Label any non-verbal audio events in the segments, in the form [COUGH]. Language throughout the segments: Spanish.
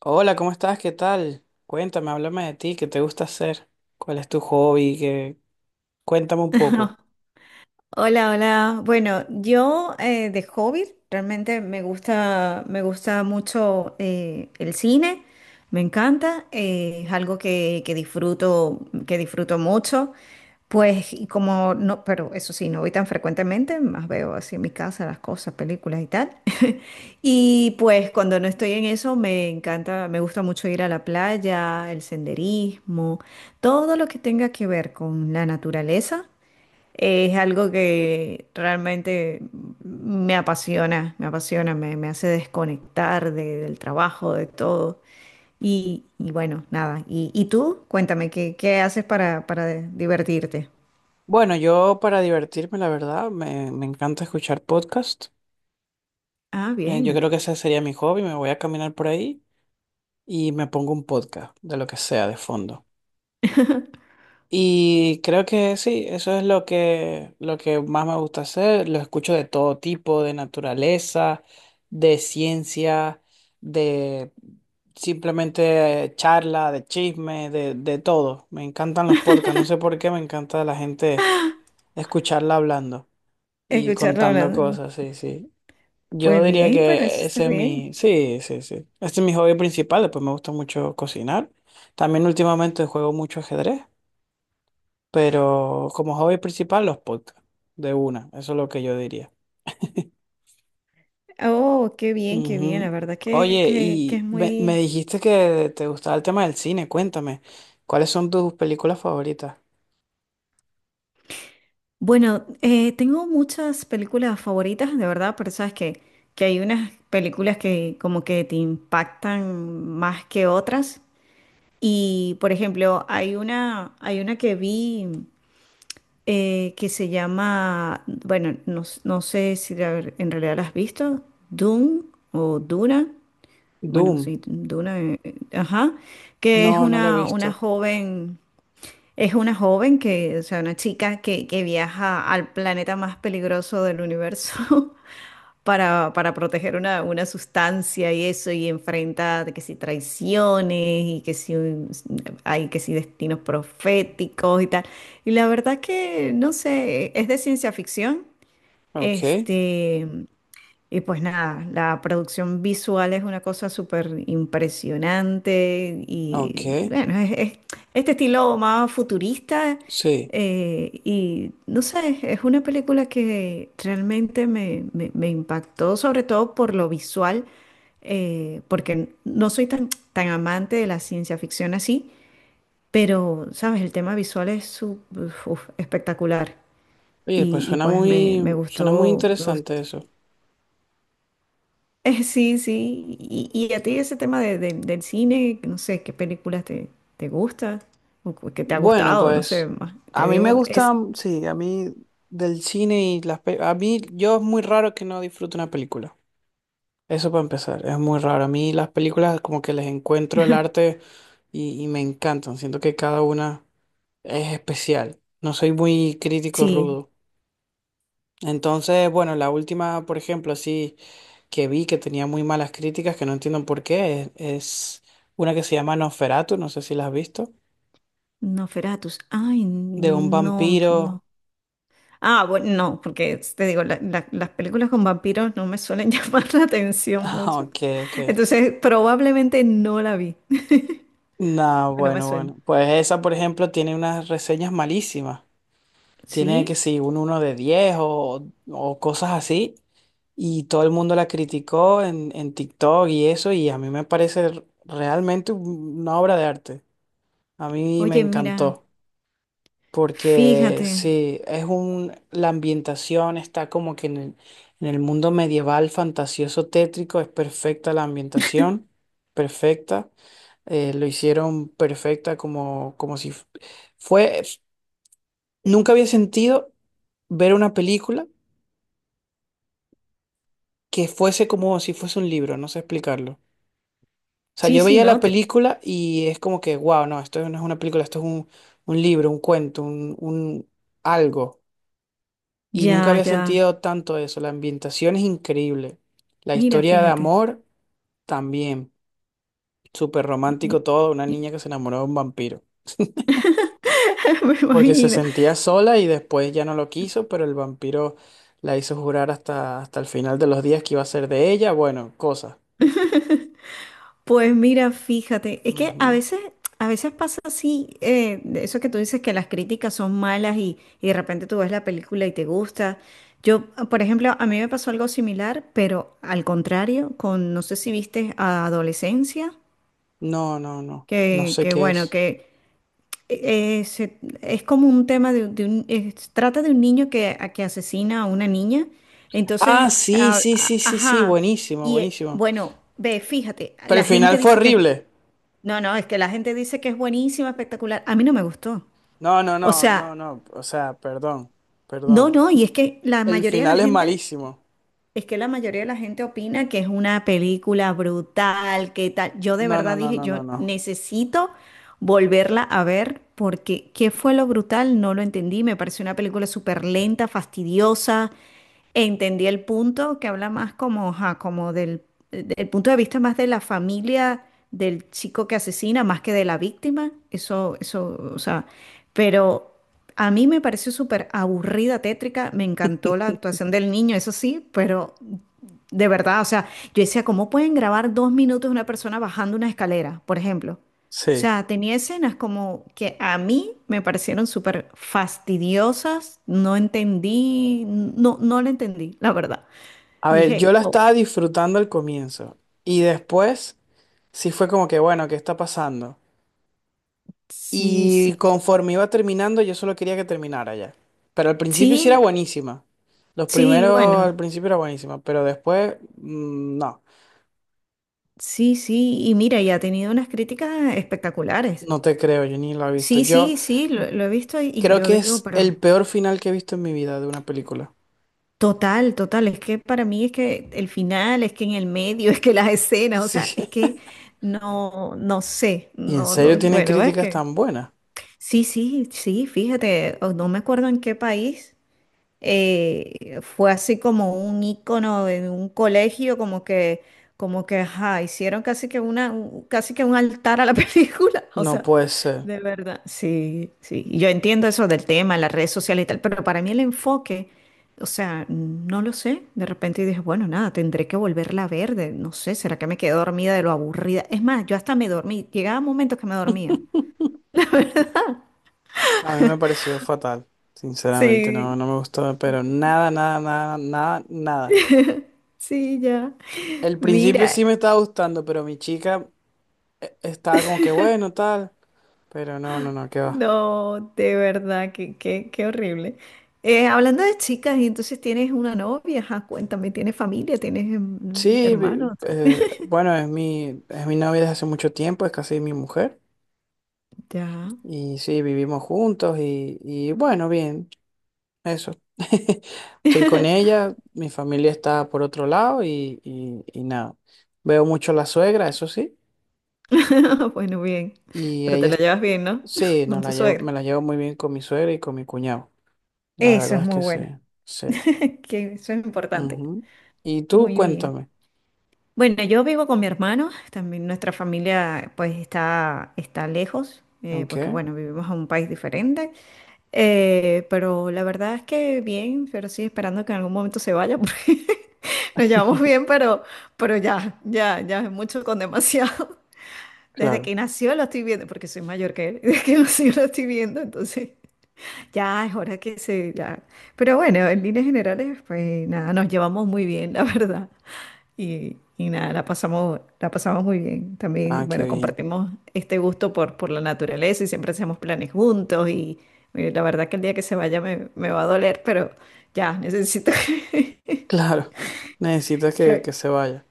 Hola, ¿cómo estás? ¿Qué tal? Cuéntame, háblame de ti, ¿qué te gusta hacer? ¿Cuál es tu hobby? ¿Qué- Cuéntame un poco. [LAUGHS] Hola, hola. Bueno, yo de hobby realmente me gusta mucho el cine, me encanta, es algo que disfruto mucho. Pues, y como no, pero eso sí, no voy tan frecuentemente, más veo así en mi casa las cosas, películas y tal. [LAUGHS] Y pues cuando no estoy en eso, me encanta, me gusta mucho ir a la playa, el senderismo, todo lo que tenga que ver con la naturaleza. Es algo que realmente me apasiona, me hace desconectar del trabajo, de todo. Y bueno, nada. ¿Y tú? Cuéntame, qué haces para divertirte? Bueno, yo para divertirme, la verdad, me encanta escuchar podcast. Ah, Yo bien. creo que ese sería mi hobby, me voy a caminar por ahí y me pongo un podcast, de lo que sea, de fondo. [LAUGHS] Y creo que sí, eso es lo que más me gusta hacer. Lo escucho de todo tipo, de naturaleza, de ciencia, de simplemente charla, de chisme, de todo. Me encantan los podcasts, no sé por qué me encanta la gente escucharla hablando y Escucharlo contando hablando. cosas, sí, sí. Yo Pues diría bien, pero eso que está ese es mi, bien. sí, sí, sí. Este es mi hobby principal, después me gusta mucho cocinar. También últimamente juego mucho ajedrez. Pero como hobby principal, los podcasts, de una, eso es lo que yo diría. Oh, qué bien, qué bien. La Ujú. verdad Oye, que es y me muy. dijiste que te gustaba el tema del cine, cuéntame, ¿cuáles son tus películas favoritas? Bueno, tengo muchas películas favoritas, de verdad, pero sabes que hay unas películas que como que te impactan más que otras. Y, por ejemplo, hay una que vi que se llama, bueno, no, no sé si en realidad la has visto, Dune o Duna, bueno, Doom, sí, Duna, ajá, que es no, no la he una visto. joven. Es una joven que, o sea, una chica que viaja al planeta más peligroso del universo [LAUGHS] para proteger una sustancia y eso, y enfrenta de que si traiciones y que si hay que si destinos proféticos y tal. Y la verdad que, no sé, es de ciencia ficción. Ok, Este, y pues nada, la producción visual es una cosa súper impresionante y ok, bueno, es este estilo más futurista sí. Y no sé, es una película que realmente me impactó, sobre todo por lo visual, porque no soy tan amante de la ciencia ficción así, pero sabes, el tema visual es uf, espectacular Oye, pues y pues me suena muy gustó, me interesante gustó. eso. Sí, sí. Y a ti ese tema del cine, no sé, qué películas te gusta o que te ha Bueno, gustado, no sé, pues más, a te mí me digo, es, gusta, sí, a mí del cine y las... pe- A mí, yo es muy raro que no disfrute una película. Eso para empezar, es muy raro. A mí las películas como que les encuentro el arte y me encantan. Siento que cada una es especial. No soy muy crítico sí, rudo. Entonces, bueno, la última, por ejemplo, así que vi que tenía muy malas críticas, que no entiendo por qué, es una que se llama Nosferatu, no sé si la has visto, Nosferatus. Ay, de un no, vampiro. no. [LAUGHS] Ah, bueno, no, porque te digo, las películas con vampiros no me suelen [LAUGHS] llamar la atención Ah, mucho. ok, ok. Entonces, probablemente no la vi. [LAUGHS] No, No me bueno, suena. bueno. Pues esa, por ejemplo, tiene unas reseñas malísimas. Tiene que Sí, si un uno de 10 o cosas así. Y todo el mundo la criticó en TikTok y eso, y a mí me parece realmente una obra de arte. A mí me oye, mira, encantó, porque fíjate. sí, es un, la ambientación está como que en el mundo medieval fantasioso tétrico, es perfecta la ambientación, perfecta. Lo hicieron perfecta como, como si fue, nunca había sentido ver una película que fuese como si fuese un libro, no sé explicarlo. O sea, Sí, yo sí, veía la no, película y es como que, wow, no, esto no es una película, esto es un libro, un cuento, un algo. Y nunca ya, había ya. sentido tanto eso. La ambientación es increíble. La Mira, historia de fíjate. amor también. Súper Y- romántico todo, una y- niña que se enamoró de un vampiro. [LAUGHS] Me Porque se imagino. sentía sola y después ya no lo quiso, pero el vampiro la hizo jurar hasta, hasta el final de los días que iba a ser de ella. Bueno, cosas. [LAUGHS] Pues mira, fíjate, es que Ujú. A veces pasa así, de eso que tú dices que las críticas son malas y de repente tú ves la película y te gusta. Yo, por ejemplo, a mí me pasó algo similar, pero al contrario, con, no sé si viste a Adolescencia, No, no, no. No sé que qué bueno, es. que es como un tema de un, trata de un niño que, que asesina a una niña. Ah, Entonces, sí, sí, sí, sí, sí. ajá, Buenísimo, y buenísimo. bueno, ve, fíjate, Pero la el gente final fue dice que es, horrible. no, no, es que la gente dice que es buenísima, espectacular. A mí no me gustó. No, no, O no, sea, no, no. O sea, perdón, no, perdón. no, y es que la El mayoría de la final es gente. malísimo. Es que la mayoría de la gente opina que es una película brutal, que tal. Yo de No, no, verdad no, dije, no, yo no, no. necesito volverla a ver porque ¿qué fue lo brutal? No lo entendí. Me pareció una película súper lenta, fastidiosa. Entendí el punto que habla más como, ajá, como del punto de vista más de la familia del chico que asesina, más que de la víctima. Eso, o sea, pero a mí me pareció súper aburrida, tétrica, me encantó la actuación del niño, eso sí, pero de verdad, o sea, yo decía, ¿cómo pueden grabar dos minutos de una persona bajando una escalera, por ejemplo? O Sí. sea, tenía escenas como que a mí me parecieron súper fastidiosas, no entendí, no, no la entendí, la verdad. A ver, yo Dije, la oh, estaba disfrutando al comienzo. Y después sí fue como que, bueno, ¿qué está pasando? sí, sí, Y conforme iba terminando, yo solo quería que terminara ya. Pero al principio sí era sí, buenísima. Los sí, primeros al bueno, principio era buenísima, pero después, no. sí, sí, y mira, y ha tenido unas críticas espectaculares. No te creo, yo ni la he visto. Sí, Yo sí, sí, lo he visto y creo yo que digo, es pero el peor final que he visto en mi vida de una película. total, total, es que para mí es que el final, es que en el medio, [LAUGHS] es que las escenas, o sea, Sí. es [LAUGHS] que no, no sé, ¿Y en no, serio no, tiene bueno, es críticas que tan buenas? sí, sí, sí, fíjate, o no me acuerdo en qué país. Fue así como un icono de un colegio, como que, ajá, hicieron casi que una, casi que un altar a la [LAUGHS] película, o No sea, puede ser. de verdad. Sí, sí, y yo entiendo eso del tema, las redes sociales y tal, pero para mí el enfoque, o sea, no lo sé, de repente dije, bueno, nada, tendré que volverla a ver, no sé, ¿será que me quedé dormida de lo aburrida? Es más, yo hasta me dormí, llegaba momentos que me dormía. A mí me pareció fatal, sinceramente, no, Sí, no me gustó, pero nada, nada, nada, nada, nada. sí, ya. [LAUGHS] El principio Mira, sí me estaba gustando, pero mi chica estaba como que bueno, tal, pero no, no, no, qué va. no, de verdad, qué, qué, qué horrible. Hablando de chicas, y entonces tienes una novia, ajá, cuéntame, ¿tienes familia? ¿Tienes mm, Sí, hermanos? [LAUGHS] Bueno, es mi novia desde hace mucho tiempo, es casi mi mujer. Ya. Y sí, vivimos juntos y bueno, bien, eso. [LAUGHS] Estoy con ella, mi familia está por otro lado y, y nada. Veo mucho a la suegra, eso sí, [LAUGHS] Bueno, bien. y Pero te ella, la es- llevas bien, ¿no? sí, [LAUGHS] Con nos tu la llevo, suegra. me la llevo muy bien con mi suegra y con mi cuñado. La Eso verdad es es muy que sí, bueno. sí. [LAUGHS] Que eso es importante. Ujú. Y tú Muy bien. cuéntame, Bueno, yo vivo con mi hermano. También nuestra familia, pues, está lejos, ¿ok? porque, bueno, vivimos en un país diferente. Pero la verdad es que bien, pero sí esperando que en algún momento se vaya, porque [LAUGHS] nos llevamos bien, [LAUGHS] pero ya, ya, ya es mucho con demasiado. [LAUGHS] Desde Claro, que nació lo estoy viendo, porque soy mayor que él, [LAUGHS] desde que nació lo estoy viendo, entonces [LAUGHS] ya es hora que se, ya. Pero bueno, en líneas generales, pues nada, nos llevamos muy bien, la [LAUGHS] verdad. Y nada, la pasamos muy bien. ah, También, qué bueno, bien. [LAUGHS] compartimos este gusto por la naturaleza y siempre hacemos planes juntos. Y, mire, la verdad que el día que se vaya me va a doler, pero ya, necesito que, [LAUGHS] Claro, necesitas que- que se vaya.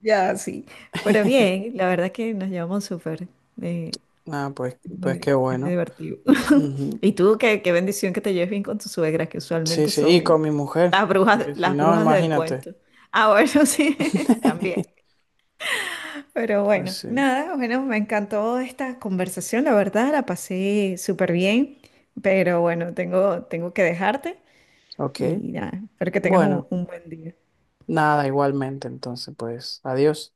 ya, sí. Pero [LAUGHS] bien, la verdad que nos llevamos súper. Eh, Ah, pues, pues qué es muy bueno. divertido. [LAUGHS] Ujú. Y tú, qué, qué bendición que te lleves bien con tus suegras, que Sí, usualmente sí, y con son mi mujer, porque si las no, brujas del imagínate. cuento. Ah, bueno, [LAUGHS] sí, también. [LAUGHS] Pero Pues bueno, sí, nada, bueno, me encantó esta conversación, la verdad, la pasé súper bien, pero bueno, tengo, tengo que dejarte ok. y nada, espero que tengas Bueno, un buen día. nada, igualmente, entonces, pues, adiós.